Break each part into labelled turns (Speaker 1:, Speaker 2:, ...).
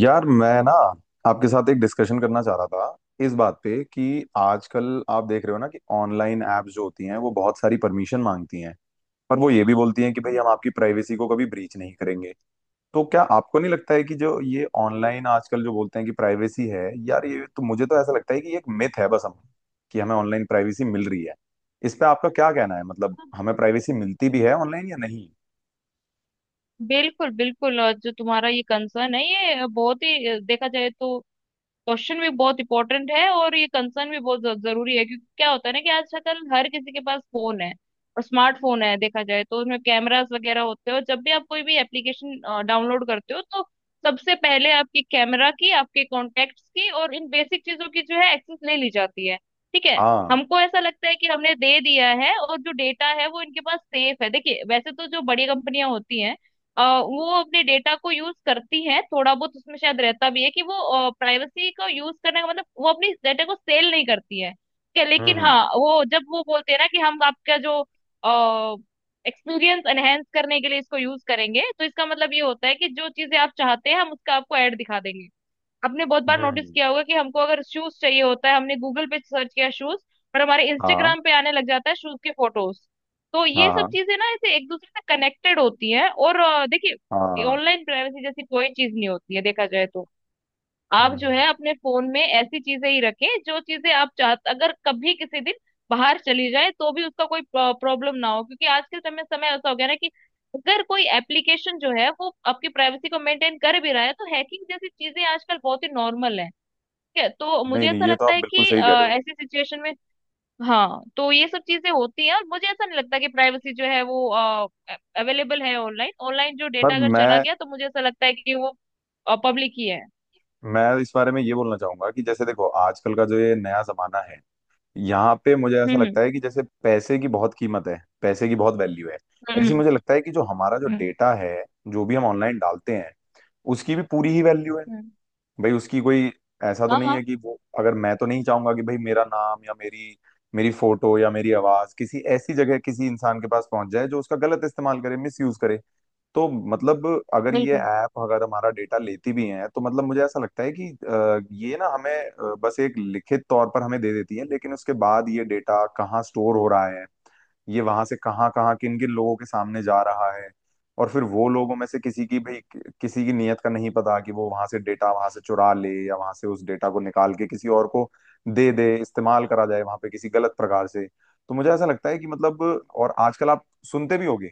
Speaker 1: यार मैं आपके साथ एक डिस्कशन करना चाह रहा था इस बात पे कि आजकल आप देख रहे हो ना कि ऑनलाइन एप्स जो होती हैं वो बहुत सारी परमिशन मांगती हैं। पर वो ये भी बोलती हैं कि भाई हम आपकी प्राइवेसी को कभी ब्रीच नहीं करेंगे। तो क्या आपको नहीं लगता है कि जो ये ऑनलाइन आजकल जो बोलते हैं कि प्राइवेसी है यार, ये तो, मुझे तो ऐसा लगता है कि ये एक मिथ है बस, हम कि हमें ऑनलाइन प्राइवेसी मिल रही है। इस पे आपका क्या कहना है, मतलब हमें प्राइवेसी मिलती भी है ऑनलाइन या नहीं?
Speaker 2: बिल्कुल बिल्कुल। और जो तुम्हारा ये कंसर्न है ये बहुत ही देखा जाए तो क्वेश्चन भी बहुत इंपॉर्टेंट है और ये कंसर्न भी बहुत जरूरी है। क्योंकि क्या होता है ना कि आजकल हर किसी के पास फोन है और स्मार्टफोन है देखा जाए तो उसमें कैमरास वगैरह होते हैं। और जब भी आप कोई भी एप्लीकेशन डाउनलोड करते हो तो सबसे पहले आपकी कैमरा की आपके कॉन्टेक्ट्स की और इन बेसिक चीजों की जो है एक्सेस ले ली जाती है। ठीक है।
Speaker 1: हाँ।
Speaker 2: हमको ऐसा लगता है कि हमने दे दिया है और जो डेटा है वो इनके पास सेफ है। देखिए वैसे तो जो बड़ी कंपनियां होती हैं वो अपने डेटा को यूज करती है। थोड़ा बहुत उसमें शायद रहता भी है कि वो प्राइवेसी का यूज करने का मतलब वो अपनी डेटा को सेल नहीं करती है क्या। लेकिन
Speaker 1: हम्म।
Speaker 2: हाँ वो जब वो बोलते हैं ना कि हम आपका जो एक्सपीरियंस एनहेंस करने के लिए इसको यूज करेंगे तो इसका मतलब ये होता है कि जो चीजें आप चाहते हैं हम उसका आपको ऐड दिखा देंगे। आपने बहुत
Speaker 1: हम्म।
Speaker 2: बार नोटिस
Speaker 1: हम्म।
Speaker 2: किया होगा कि हमको अगर शूज चाहिए होता है हमने गूगल पे सर्च किया शूज पर हमारे
Speaker 1: हाँ
Speaker 2: इंस्टाग्राम पे आने लग जाता है शूज के फोटोज। तो ये
Speaker 1: हाँ।
Speaker 2: सब
Speaker 1: हाँ।
Speaker 2: चीजें ना ऐसे एक दूसरे से कनेक्टेड होती हैं और देखिए
Speaker 1: हाँ।
Speaker 2: ऑनलाइन प्राइवेसी जैसी कोई चीज नहीं होती है देखा जाए तो। आप
Speaker 1: हम्म,
Speaker 2: जो
Speaker 1: हम्म।
Speaker 2: है अपने फोन में ऐसी चीजें ही रखें जो चीजें आप चाहते अगर कभी किसी दिन बाहर चली जाए तो भी उसका कोई प्रॉब्लम ना हो, क्योंकि आज के समय समय ऐसा हो गया ना कि अगर कोई एप्लीकेशन जो है वो आपकी प्राइवेसी को मेंटेन कर भी रहा है तो हैकिंग जैसी चीजें आजकल बहुत ही नॉर्मल है। ठीक है। तो
Speaker 1: नहीं
Speaker 2: मुझे
Speaker 1: नहीं,
Speaker 2: ऐसा
Speaker 1: ये तो
Speaker 2: लगता
Speaker 1: आप
Speaker 2: है
Speaker 1: बिल्कुल
Speaker 2: कि
Speaker 1: सही कह रहे हो।
Speaker 2: ऐसी सिचुएशन में हाँ तो ये सब चीजें होती हैं, और मुझे ऐसा नहीं लगता कि प्राइवेसी जो है वो अवेलेबल है ऑनलाइन। ऑनलाइन जो
Speaker 1: पर
Speaker 2: डेटा अगर चला गया तो मुझे ऐसा लगता है कि वो पब्लिक ही है।
Speaker 1: मैं इस बारे में ये बोलना चाहूंगा कि जैसे देखो आजकल का जो ये नया जमाना है, यहाँ पे मुझे ऐसा
Speaker 2: हम्म
Speaker 1: लगता है कि जैसे पैसे की बहुत कीमत है, पैसे की बहुत वैल्यू है।
Speaker 2: हम्म
Speaker 1: ऐसे ही
Speaker 2: हम्म
Speaker 1: मुझे लगता है कि जो हमारा जो
Speaker 2: हम्म।
Speaker 1: डेटा है, जो भी हम ऑनलाइन डालते हैं, उसकी भी पूरी ही वैल्यू है
Speaker 2: हम्म।
Speaker 1: भाई। उसकी कोई ऐसा तो
Speaker 2: हाँ
Speaker 1: नहीं
Speaker 2: हाँ
Speaker 1: है कि वो, अगर, मैं तो नहीं चाहूंगा कि भाई मेरा नाम या मेरी मेरी फोटो या मेरी आवाज किसी ऐसी जगह किसी इंसान के पास पहुंच जाए जो उसका गलत इस्तेमाल करे, मिस यूज करे। तो मतलब, अगर ये
Speaker 2: बिल्कुल।
Speaker 1: ऐप अगर हमारा डेटा लेती भी है तो मतलब मुझे ऐसा लगता है कि ये ना हमें बस एक लिखित तौर पर हमें दे देती है, लेकिन उसके बाद ये डेटा कहाँ स्टोर हो रहा है, ये वहां से कहाँ कहाँ किन किन लोगों के सामने जा रहा है, और फिर वो लोगों में से किसी की भी, किसी की नीयत का नहीं पता कि वो वहां से डेटा, वहां से चुरा ले या वहां से उस डेटा को निकाल के किसी और को दे दे, इस्तेमाल करा जाए वहां पे किसी गलत प्रकार से। तो मुझे ऐसा लगता है कि मतलब, और आजकल आप सुनते भी होगे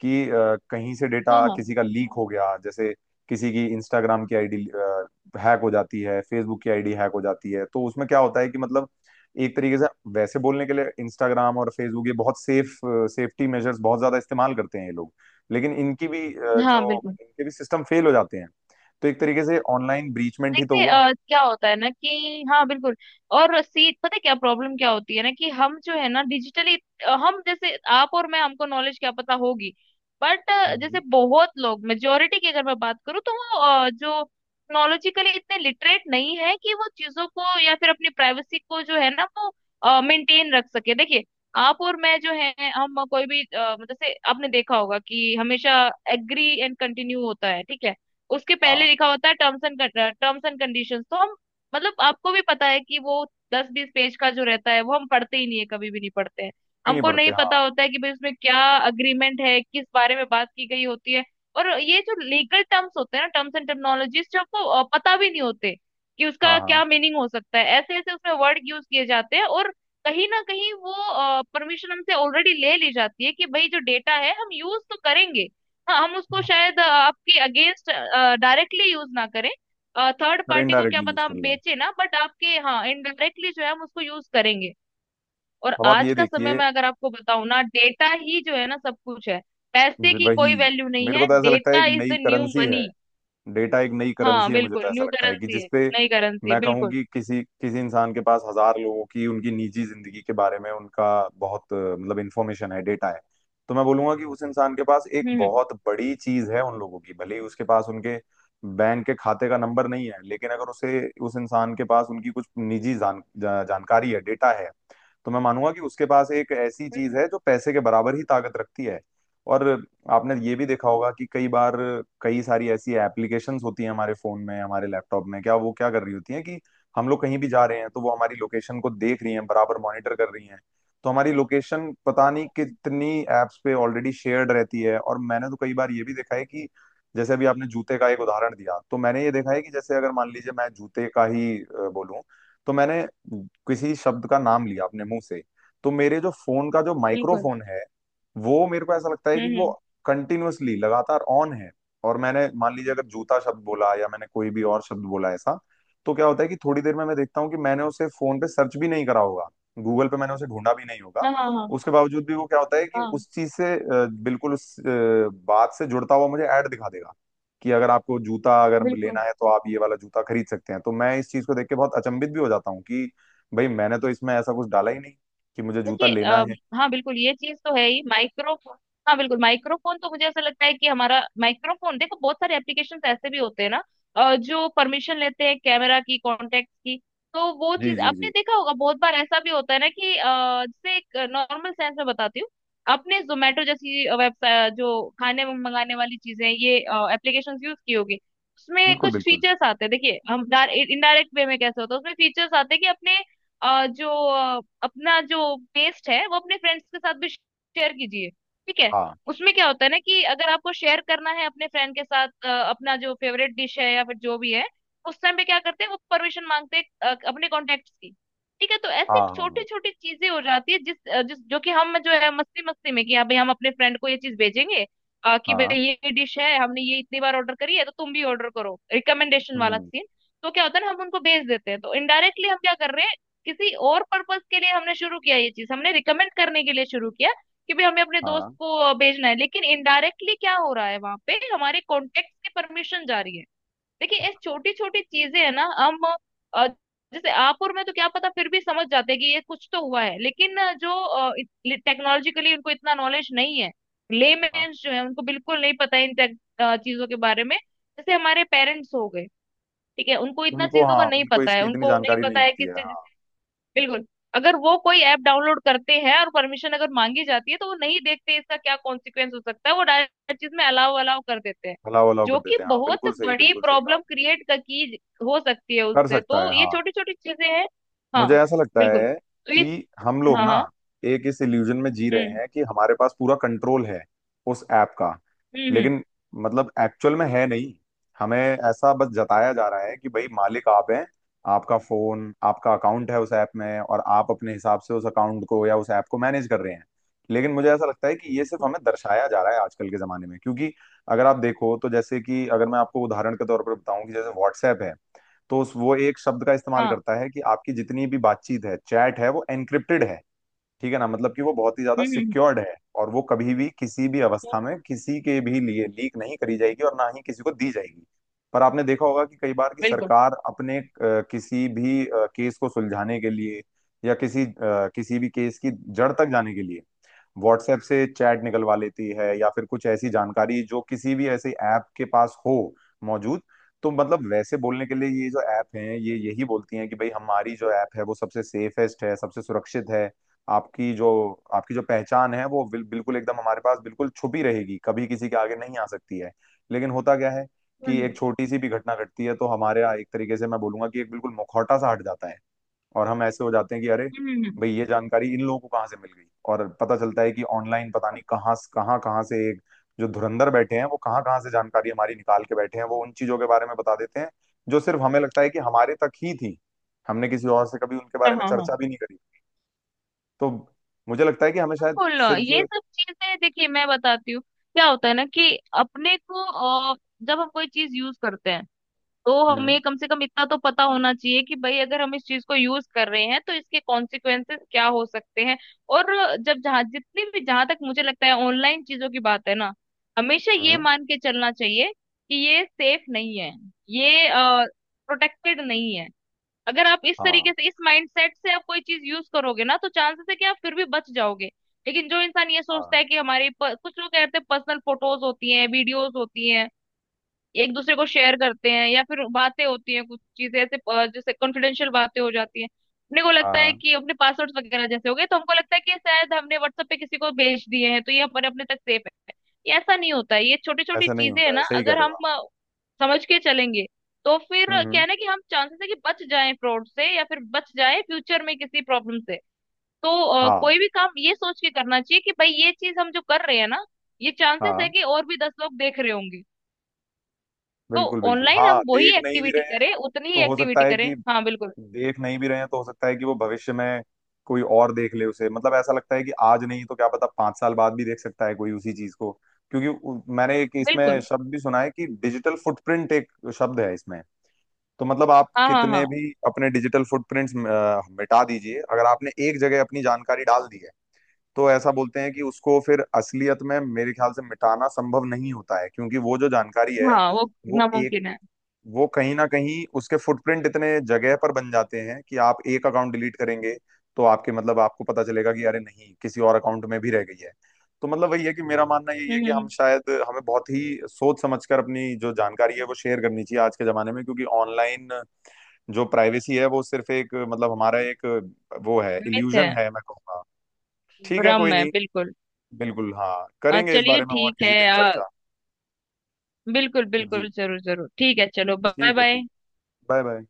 Speaker 1: कि कहीं से
Speaker 2: हाँ
Speaker 1: डेटा
Speaker 2: हाँ
Speaker 1: किसी का लीक हो गया, जैसे किसी की इंस्टाग्राम की आईडी हैक हो जाती है, फेसबुक की आईडी हैक हो जाती है। तो उसमें क्या होता है कि मतलब एक तरीके से, वैसे बोलने के लिए इंस्टाग्राम और फेसबुक ये बहुत सेफ्टी मेजर्स बहुत ज्यादा इस्तेमाल करते हैं ये लोग, लेकिन इनकी भी
Speaker 2: हाँ
Speaker 1: जो
Speaker 2: बिल्कुल।
Speaker 1: इनके भी सिस्टम फेल हो जाते हैं। तो एक तरीके से ऑनलाइन ब्रीचमेंट ही तो
Speaker 2: देखिए
Speaker 1: हुआ।
Speaker 2: क्या होता है ना कि हाँ बिल्कुल। और सी पता है क्या प्रॉब्लम क्या होती है ना कि हम जो है ना डिजिटली, हम जैसे आप और मैं हमको नॉलेज क्या पता होगी। बट
Speaker 1: हम्म।
Speaker 2: जैसे बहुत लोग मेजोरिटी की अगर मैं बात करूँ तो वो जो टेक्नोलॉजिकली इतने लिटरेट नहीं है कि वो चीजों को या फिर अपनी प्राइवेसी को जो है ना वो मेंटेन रख सके। देखिए आप और मैं जो है हम कोई भी जैसे आपने देखा होगा कि हमेशा एग्री एंड कंटिन्यू होता है। ठीक है। उसके पहले
Speaker 1: हाँ
Speaker 2: लिखा होता है टर्म्स एंड कंडीशंस, तो हम मतलब आपको भी पता है कि वो दस बीस पेज का जो रहता है वो हम पढ़ते ही नहीं है कभी भी नहीं पढ़ते हैं।
Speaker 1: भी नहीं
Speaker 2: हमको
Speaker 1: पड़ते,
Speaker 2: नहीं
Speaker 1: हाँ।
Speaker 2: पता होता है कि भाई उसमें क्या अग्रीमेंट है किस बारे में बात की गई होती है। और ये जो लीगल टर्म्स होते हैं ना टर्म्स एंड टर्मिनोलॉजीज जो आपको पता भी नहीं होते कि
Speaker 1: हाँ।
Speaker 2: उसका
Speaker 1: हाँ।
Speaker 2: क्या मीनिंग हो सकता है, ऐसे ऐसे उसमें वर्ड यूज किए जाते हैं। और कहीं ना कहीं वो परमिशन हमसे ऑलरेडी ले ली जाती है कि भाई जो डेटा है हम यूज तो करेंगे। हाँ हम उसको
Speaker 1: हाँ।
Speaker 2: शायद आपके अगेंस्ट डायरेक्टली यूज ना करें, थर्ड
Speaker 1: और
Speaker 2: पार्टी को क्या
Speaker 1: इनडायरेक्टली यूज
Speaker 2: पता
Speaker 1: कर
Speaker 2: हम
Speaker 1: लें।
Speaker 2: बेचे ना, बट आपके हाँ इनडायरेक्टली जो है हम उसको यूज करेंगे। और
Speaker 1: अब आप
Speaker 2: आज
Speaker 1: ये
Speaker 2: का समय
Speaker 1: देखिए,
Speaker 2: में अगर आपको बताऊं ना डेटा ही जो है ना सब कुछ है, पैसे की
Speaker 1: वही,
Speaker 2: कोई वैल्यू नहीं
Speaker 1: मेरे को
Speaker 2: है,
Speaker 1: तो ऐसा लगता है
Speaker 2: डेटा
Speaker 1: एक
Speaker 2: इज
Speaker 1: नई
Speaker 2: द न्यू
Speaker 1: करेंसी है,
Speaker 2: मनी।
Speaker 1: डेटा एक नई
Speaker 2: हाँ
Speaker 1: करेंसी है। मुझे
Speaker 2: बिल्कुल
Speaker 1: तो ऐसा
Speaker 2: न्यू
Speaker 1: लगता है कि
Speaker 2: करेंसी है।
Speaker 1: जिसपे
Speaker 2: नई करेंसी है
Speaker 1: मैं कहूँ
Speaker 2: बिल्कुल।
Speaker 1: कि किसी किसी इंसान के पास 1,000 लोगों की उनकी निजी जिंदगी के बारे में उनका बहुत मतलब इंफॉर्मेशन है, डेटा है, तो मैं बोलूंगा कि उस इंसान के पास एक
Speaker 2: हम्म हम्म,
Speaker 1: बहुत बड़ी चीज है उन लोगों की। भले ही उसके पास उनके बैंक के खाते का नंबर नहीं है, लेकिन अगर उसे, उस इंसान के पास उनकी कुछ निजी जानकारी है, डेटा है, तो मैं मानूंगा कि उसके पास एक ऐसी चीज है जो पैसे के बराबर ही ताकत रखती है। और आपने ये भी देखा होगा कि कई बार, कई सारी ऐसी एप्लीकेशंस होती हैं हमारे फोन में, हमारे लैपटॉप में, क्या वो क्या कर रही होती हैं कि हम लोग कहीं भी जा रहे हैं तो वो हमारी लोकेशन को देख रही हैं, बराबर मॉनिटर कर रही हैं। तो हमारी लोकेशन पता नहीं कितनी एप्स पे ऑलरेडी शेयर्ड रहती है। और मैंने तो कई बार ये भी देखा है कि जैसे अभी आपने जूते का एक उदाहरण दिया, तो मैंने ये देखा है कि जैसे अगर मान लीजिए मैं जूते का ही बोलूँ, तो मैंने किसी शब्द का नाम लिया अपने मुंह से, तो मेरे जो फोन का जो
Speaker 2: बिल्कुल।
Speaker 1: माइक्रोफोन है वो, मेरे को ऐसा लगता है कि
Speaker 2: हम्म।
Speaker 1: वो कंटिन्यूअसली लगातार ऑन है। और मैंने मान लीजिए अगर जूता शब्द बोला, या मैंने कोई भी और शब्द बोला ऐसा, तो क्या होता है कि थोड़ी देर में मैं देखता हूँ कि मैंने उसे फोन पे सर्च भी नहीं करा होगा, गूगल पे मैंने उसे ढूंढा भी नहीं होगा,
Speaker 2: हाँ हाँ हाँ
Speaker 1: उसके बावजूद भी वो क्या होता है कि
Speaker 2: हाँ
Speaker 1: उस चीज से बिल्कुल उस बात से जुड़ता हुआ मुझे ऐड दिखा देगा कि अगर आपको जूता अगर लेना
Speaker 2: बिल्कुल।
Speaker 1: है तो आप ये वाला जूता खरीद सकते हैं। तो मैं इस चीज को देख के बहुत अचंभित भी हो जाता हूँ कि भाई मैंने तो इसमें ऐसा कुछ डाला ही नहीं कि मुझे जूता
Speaker 2: देखिए
Speaker 1: लेना है।
Speaker 2: हाँ बिल्कुल ये चीज तो है ही माइक्रोफोन। हाँ बिल्कुल माइक्रोफोन, तो मुझे ऐसा लगता है कि हमारा माइक्रोफोन, देखो बहुत सारे एप्लीकेशंस ऐसे भी होते हैं ना जो परमिशन लेते हैं कैमरा की कॉन्टेक्ट की। तो वो
Speaker 1: जी
Speaker 2: चीज
Speaker 1: जी
Speaker 2: आपने
Speaker 1: जी।
Speaker 2: देखा होगा बहुत बार ऐसा भी होता है ना कि जैसे एक नॉर्मल सेंस में बताती हूँ। आपने जोमेटो जैसी वेबसाइट, जो खाने मंगाने वाली चीजें ये एप्लीकेशन, यूज की होगी। उसमें
Speaker 1: बिल्कुल
Speaker 2: कुछ
Speaker 1: बिल्कुल।
Speaker 2: फीचर्स आते हैं, देखिए हम इनडायरेक्ट वे में कैसे होता है, उसमें फीचर्स आते हैं कि अपने जो अपना जो टेस्ट है वो अपने फ्रेंड्स के साथ भी शेयर कीजिए। ठीक है।
Speaker 1: हाँ
Speaker 2: उसमें क्या होता है ना कि अगर आपको शेयर करना है अपने फ्रेंड के साथ अपना जो फेवरेट डिश है या फिर जो भी है, उस टाइम पे क्या करते हैं वो परमिशन मांगते हैं अपने कॉन्टेक्ट्स की। ठीक है। तो ऐसे
Speaker 1: हाँ हाँ। हाँ।
Speaker 2: छोटी छोटी चीजें हो जाती है जिस अ, जिस जो कि हम जो है मस्ती मस्ती में कि हाँ भाई हम अपने फ्रेंड को ये चीज भेजेंगे, कि
Speaker 1: हाँ।
Speaker 2: भाई ये डिश है हमने ये इतनी बार ऑर्डर करी है तो तुम भी ऑर्डर करो, रिकमेंडेशन वाला
Speaker 1: हम्म।
Speaker 2: सीन। तो क्या होता है ना हम उनको भेज देते हैं, तो इनडायरेक्टली हम क्या कर रहे हैं, किसी और पर्पस के लिए हमने शुरू किया ये चीज, हमने रिकमेंड करने के लिए शुरू किया कि भाई हमें अपने दोस्त
Speaker 1: हाँ।
Speaker 2: को भेजना है, लेकिन इनडायरेक्टली क्या हो रहा है वहां पे हमारे कॉन्टेक्ट की परमिशन जा रही है। देखिए ये छोटी छोटी चीजें है ना हम अ, जैसे आप और मैं तो क्या पता फिर भी समझ जाते हैं कि ये कुछ तो हुआ है, लेकिन जो टेक्नोलॉजिकली उनको इतना नॉलेज नहीं है,
Speaker 1: हाँ।
Speaker 2: लेमेन्स जो है उनको बिल्कुल नहीं पता है इन चीजों के बारे में, जैसे हमारे पेरेंट्स हो गए। ठीक है। उनको इतना
Speaker 1: उनको,
Speaker 2: चीजों का
Speaker 1: हाँ
Speaker 2: नहीं
Speaker 1: उनको
Speaker 2: पता
Speaker 1: इसकी
Speaker 2: है,
Speaker 1: इतनी
Speaker 2: उनको नहीं
Speaker 1: जानकारी
Speaker 2: पता
Speaker 1: नहीं
Speaker 2: है
Speaker 1: होती
Speaker 2: कि।
Speaker 1: है, हाँ।
Speaker 2: बिल्कुल। अगर वो कोई ऐप डाउनलोड करते हैं और परमिशन अगर मांगी जाती है तो वो नहीं देखते इसका क्या कॉन्सिक्वेंस हो सकता है, वो डायरेक्ट हर चीज में अलाउ अलाउ कर देते हैं,
Speaker 1: भला वलाव
Speaker 2: जो
Speaker 1: कर
Speaker 2: कि
Speaker 1: देते हैं, हाँ
Speaker 2: बहुत
Speaker 1: बिल्कुल सही,
Speaker 2: बड़ी
Speaker 1: बिल्कुल सही कहा
Speaker 2: प्रॉब्लम क्रिएट की हो सकती है
Speaker 1: आपने। कर
Speaker 2: उससे,
Speaker 1: सकता
Speaker 2: तो
Speaker 1: है,
Speaker 2: ये
Speaker 1: हाँ।
Speaker 2: छोटी छोटी चीजें हैं।
Speaker 1: मुझे
Speaker 2: हाँ
Speaker 1: ऐसा लगता
Speaker 2: बिल्कुल।
Speaker 1: है
Speaker 2: तो ये।
Speaker 1: कि हम लोग
Speaker 2: हाँ
Speaker 1: ना
Speaker 2: हाँ।
Speaker 1: एक इस इल्यूजन में जी रहे
Speaker 2: हम्म
Speaker 1: हैं कि हमारे पास पूरा कंट्रोल है उस ऐप का।
Speaker 2: हम्म।
Speaker 1: लेकिन मतलब एक्चुअल में है नहीं, हमें ऐसा बस जताया जा रहा है कि भाई मालिक आप हैं, आपका फोन, आपका अकाउंट है उस ऐप में, और आप अपने हिसाब से उस अकाउंट को या उस ऐप को मैनेज कर रहे हैं। लेकिन मुझे ऐसा लगता है कि ये सिर्फ हमें दर्शाया जा रहा है आजकल के जमाने में, क्योंकि अगर आप देखो तो जैसे कि अगर मैं आपको उदाहरण के तौर पर बताऊं कि जैसे व्हाट्सएप है, तो उस वो एक शब्द का इस्तेमाल
Speaker 2: हाँ।
Speaker 1: करता है कि आपकी जितनी भी बातचीत है, चैट है, वो एनक्रिप्टेड है, ठीक है ना, मतलब कि वो बहुत ही ज्यादा
Speaker 2: हम्म हम्म
Speaker 1: सिक्योर्ड है और वो कभी भी किसी भी
Speaker 2: हम्म,
Speaker 1: अवस्था में किसी के भी लिए लीक नहीं करी जाएगी और ना ही किसी को दी जाएगी। पर आपने देखा होगा कि कई बार की
Speaker 2: बिल्कुल।
Speaker 1: सरकार अपने किसी भी केस को सुलझाने के लिए, या किसी किसी भी केस की जड़ तक जाने के लिए व्हाट्सएप से चैट निकलवा लेती है, या फिर कुछ ऐसी जानकारी जो किसी भी ऐसे ऐप के पास हो मौजूद। तो मतलब वैसे बोलने के लिए ये जो ऐप हैं ये यही बोलती हैं कि भाई हमारी जो ऐप है वो सबसे सेफेस्ट है, सबसे सुरक्षित है। आपकी जो आपकी जो पहचान है वो बिल्कुल एकदम हमारे पास बिल्कुल छुपी रहेगी, कभी किसी के आगे नहीं आ सकती है। लेकिन होता क्या है कि
Speaker 2: हम्म
Speaker 1: एक छोटी सी भी घटना घटती है तो हमारे यहाँ एक तरीके से मैं बोलूंगा कि एक बिल्कुल मुखौटा सा हट जाता है, और हम ऐसे हो जाते हैं कि अरे
Speaker 2: हम्म हम्म, हम्म,
Speaker 1: भाई ये जानकारी इन लोगों को कहाँ से मिल गई। और पता चलता है कि ऑनलाइन पता नहीं कहाँ कहाँ कहाँ से एक जो धुरंधर बैठे हैं वो कहाँ कहाँ से जानकारी हमारी निकाल के बैठे हैं, वो उन चीजों के बारे में बता देते हैं जो सिर्फ हमें लगता है कि हमारे तक ही थी, हमने किसी और से कभी उनके
Speaker 2: हाँ
Speaker 1: बारे में
Speaker 2: हाँ हाँ
Speaker 1: चर्चा भी नहीं करी। तो मुझे लगता है कि हमें शायद
Speaker 2: बिल्कुल।
Speaker 1: सिर्फ,
Speaker 2: ये सब चीजें देखिए मैं बताती हूँ क्या होता है ना कि अपने को अ, जब हम कोई चीज यूज करते हैं तो
Speaker 1: हम्म।
Speaker 2: हमें कम से कम इतना तो पता होना चाहिए कि भाई अगर हम इस चीज को यूज कर रहे हैं तो इसके कॉन्सिक्वेंसेस क्या हो सकते हैं। और जब जहां जितनी भी, जहां तक मुझे लगता है ऑनलाइन चीजों की बात है ना, हमेशा ये
Speaker 1: हम्म।
Speaker 2: मान के चलना चाहिए कि ये सेफ नहीं है, ये प्रोटेक्टेड नहीं है। अगर आप इस
Speaker 1: हाँ।
Speaker 2: तरीके से इस माइंडसेट से आप कोई चीज यूज करोगे ना तो चांसेस है कि आप फिर भी बच जाओगे। लेकिन जो इंसान ये सोचता
Speaker 1: हाँ।
Speaker 2: है कि हमारे कुछ लोग कहते हैं पर्सनल फोटोज होती हैं वीडियोज होती हैं एक दूसरे को शेयर करते हैं या फिर बातें होती हैं कुछ चीजें ऐसे जैसे कॉन्फिडेंशियल बातें हो जाती हैं, अपने को
Speaker 1: हाँ।
Speaker 2: लगता है
Speaker 1: हाँ,
Speaker 2: कि अपने पासवर्ड वगैरह जैसे हो गए तो हमको लगता है कि शायद हमने व्हाट्सएप पे किसी को भेज दिए हैं तो ये हमारे अपने तक सेफ है। ये ऐसा नहीं होता है। ये छोटी छोटी
Speaker 1: ऐसा नहीं
Speaker 2: चीजें है
Speaker 1: होता है
Speaker 2: ना
Speaker 1: सही कह
Speaker 2: अगर
Speaker 1: रहे हो
Speaker 2: हम
Speaker 1: आप।
Speaker 2: समझ के चलेंगे तो फिर
Speaker 1: हम्म,
Speaker 2: क्या
Speaker 1: हम्म।
Speaker 2: है ना कि हम चांसेस है कि बच जाएं फ्रॉड से या फिर बच जाएं फ्यूचर में किसी प्रॉब्लम से। तो
Speaker 1: हाँ।
Speaker 2: कोई भी काम ये सोच के करना चाहिए कि भाई ये चीज हम जो कर रहे हैं ना ये चांसेस है
Speaker 1: हाँ
Speaker 2: कि और भी दस लोग देख रहे होंगे, तो
Speaker 1: बिल्कुल बिल्कुल,
Speaker 2: ऑनलाइन
Speaker 1: हाँ
Speaker 2: हम वही
Speaker 1: देख नहीं भी
Speaker 2: एक्टिविटी
Speaker 1: रहे हैं
Speaker 2: करें उतनी
Speaker 1: तो
Speaker 2: ही
Speaker 1: हो सकता
Speaker 2: एक्टिविटी
Speaker 1: है
Speaker 2: करें।
Speaker 1: कि,
Speaker 2: हाँ बिल्कुल।
Speaker 1: देख नहीं भी रहे हैं तो हो सकता है कि वो भविष्य में कोई और देख ले उसे, मतलब ऐसा लगता है कि आज नहीं तो क्या पता 5 साल बाद भी देख सकता है कोई उसी चीज को। क्योंकि मैंने एक इसमें
Speaker 2: बिल्कुल।
Speaker 1: शब्द भी सुना है कि डिजिटल फुटप्रिंट एक शब्द है इसमें। तो मतलब आप
Speaker 2: हाँ हाँ
Speaker 1: कितने
Speaker 2: हाँ
Speaker 1: भी अपने डिजिटल फुटप्रिंट्स मिटा दीजिए, अगर आपने एक जगह अपनी जानकारी डाल दी है तो ऐसा बोलते हैं कि उसको फिर असलियत में मेरे ख्याल से मिटाना संभव नहीं होता है। क्योंकि वो जो जानकारी है
Speaker 2: हाँ वो
Speaker 1: वो एक
Speaker 2: नामुमकिन है।
Speaker 1: वो कहीं ना कहीं उसके फुटप्रिंट इतने जगह पर बन जाते हैं कि आप एक अकाउंट डिलीट करेंगे तो आपके, मतलब आपको पता चलेगा कि अरे नहीं किसी और अकाउंट में भी रह गई है। तो मतलब वही है कि मेरा मानना यही है
Speaker 2: हम्म
Speaker 1: कि
Speaker 2: हम्म,
Speaker 1: हम
Speaker 2: हम्म।
Speaker 1: शायद हमें बहुत ही सोच समझकर अपनी जो जानकारी है वो शेयर करनी चाहिए आज के जमाने में, क्योंकि ऑनलाइन जो प्राइवेसी है वो सिर्फ एक, मतलब हमारा एक, वो है
Speaker 2: मिथ है,
Speaker 1: इल्यूजन है, मैं कहूँगा। ठीक है
Speaker 2: भ्रम
Speaker 1: कोई
Speaker 2: है,
Speaker 1: नहीं,
Speaker 2: बिल्कुल।
Speaker 1: बिल्कुल हाँ, करेंगे इस
Speaker 2: चलिए
Speaker 1: बारे में और
Speaker 2: ठीक
Speaker 1: किसी
Speaker 2: है।
Speaker 1: दिन
Speaker 2: अ,
Speaker 1: चर्चा।
Speaker 2: बिल्कुल
Speaker 1: जी,
Speaker 2: बिल्कुल जरूर जरूर, ठीक है, चलो बाय
Speaker 1: ठीक है,
Speaker 2: बाय।
Speaker 1: ठीक, बाय बाय।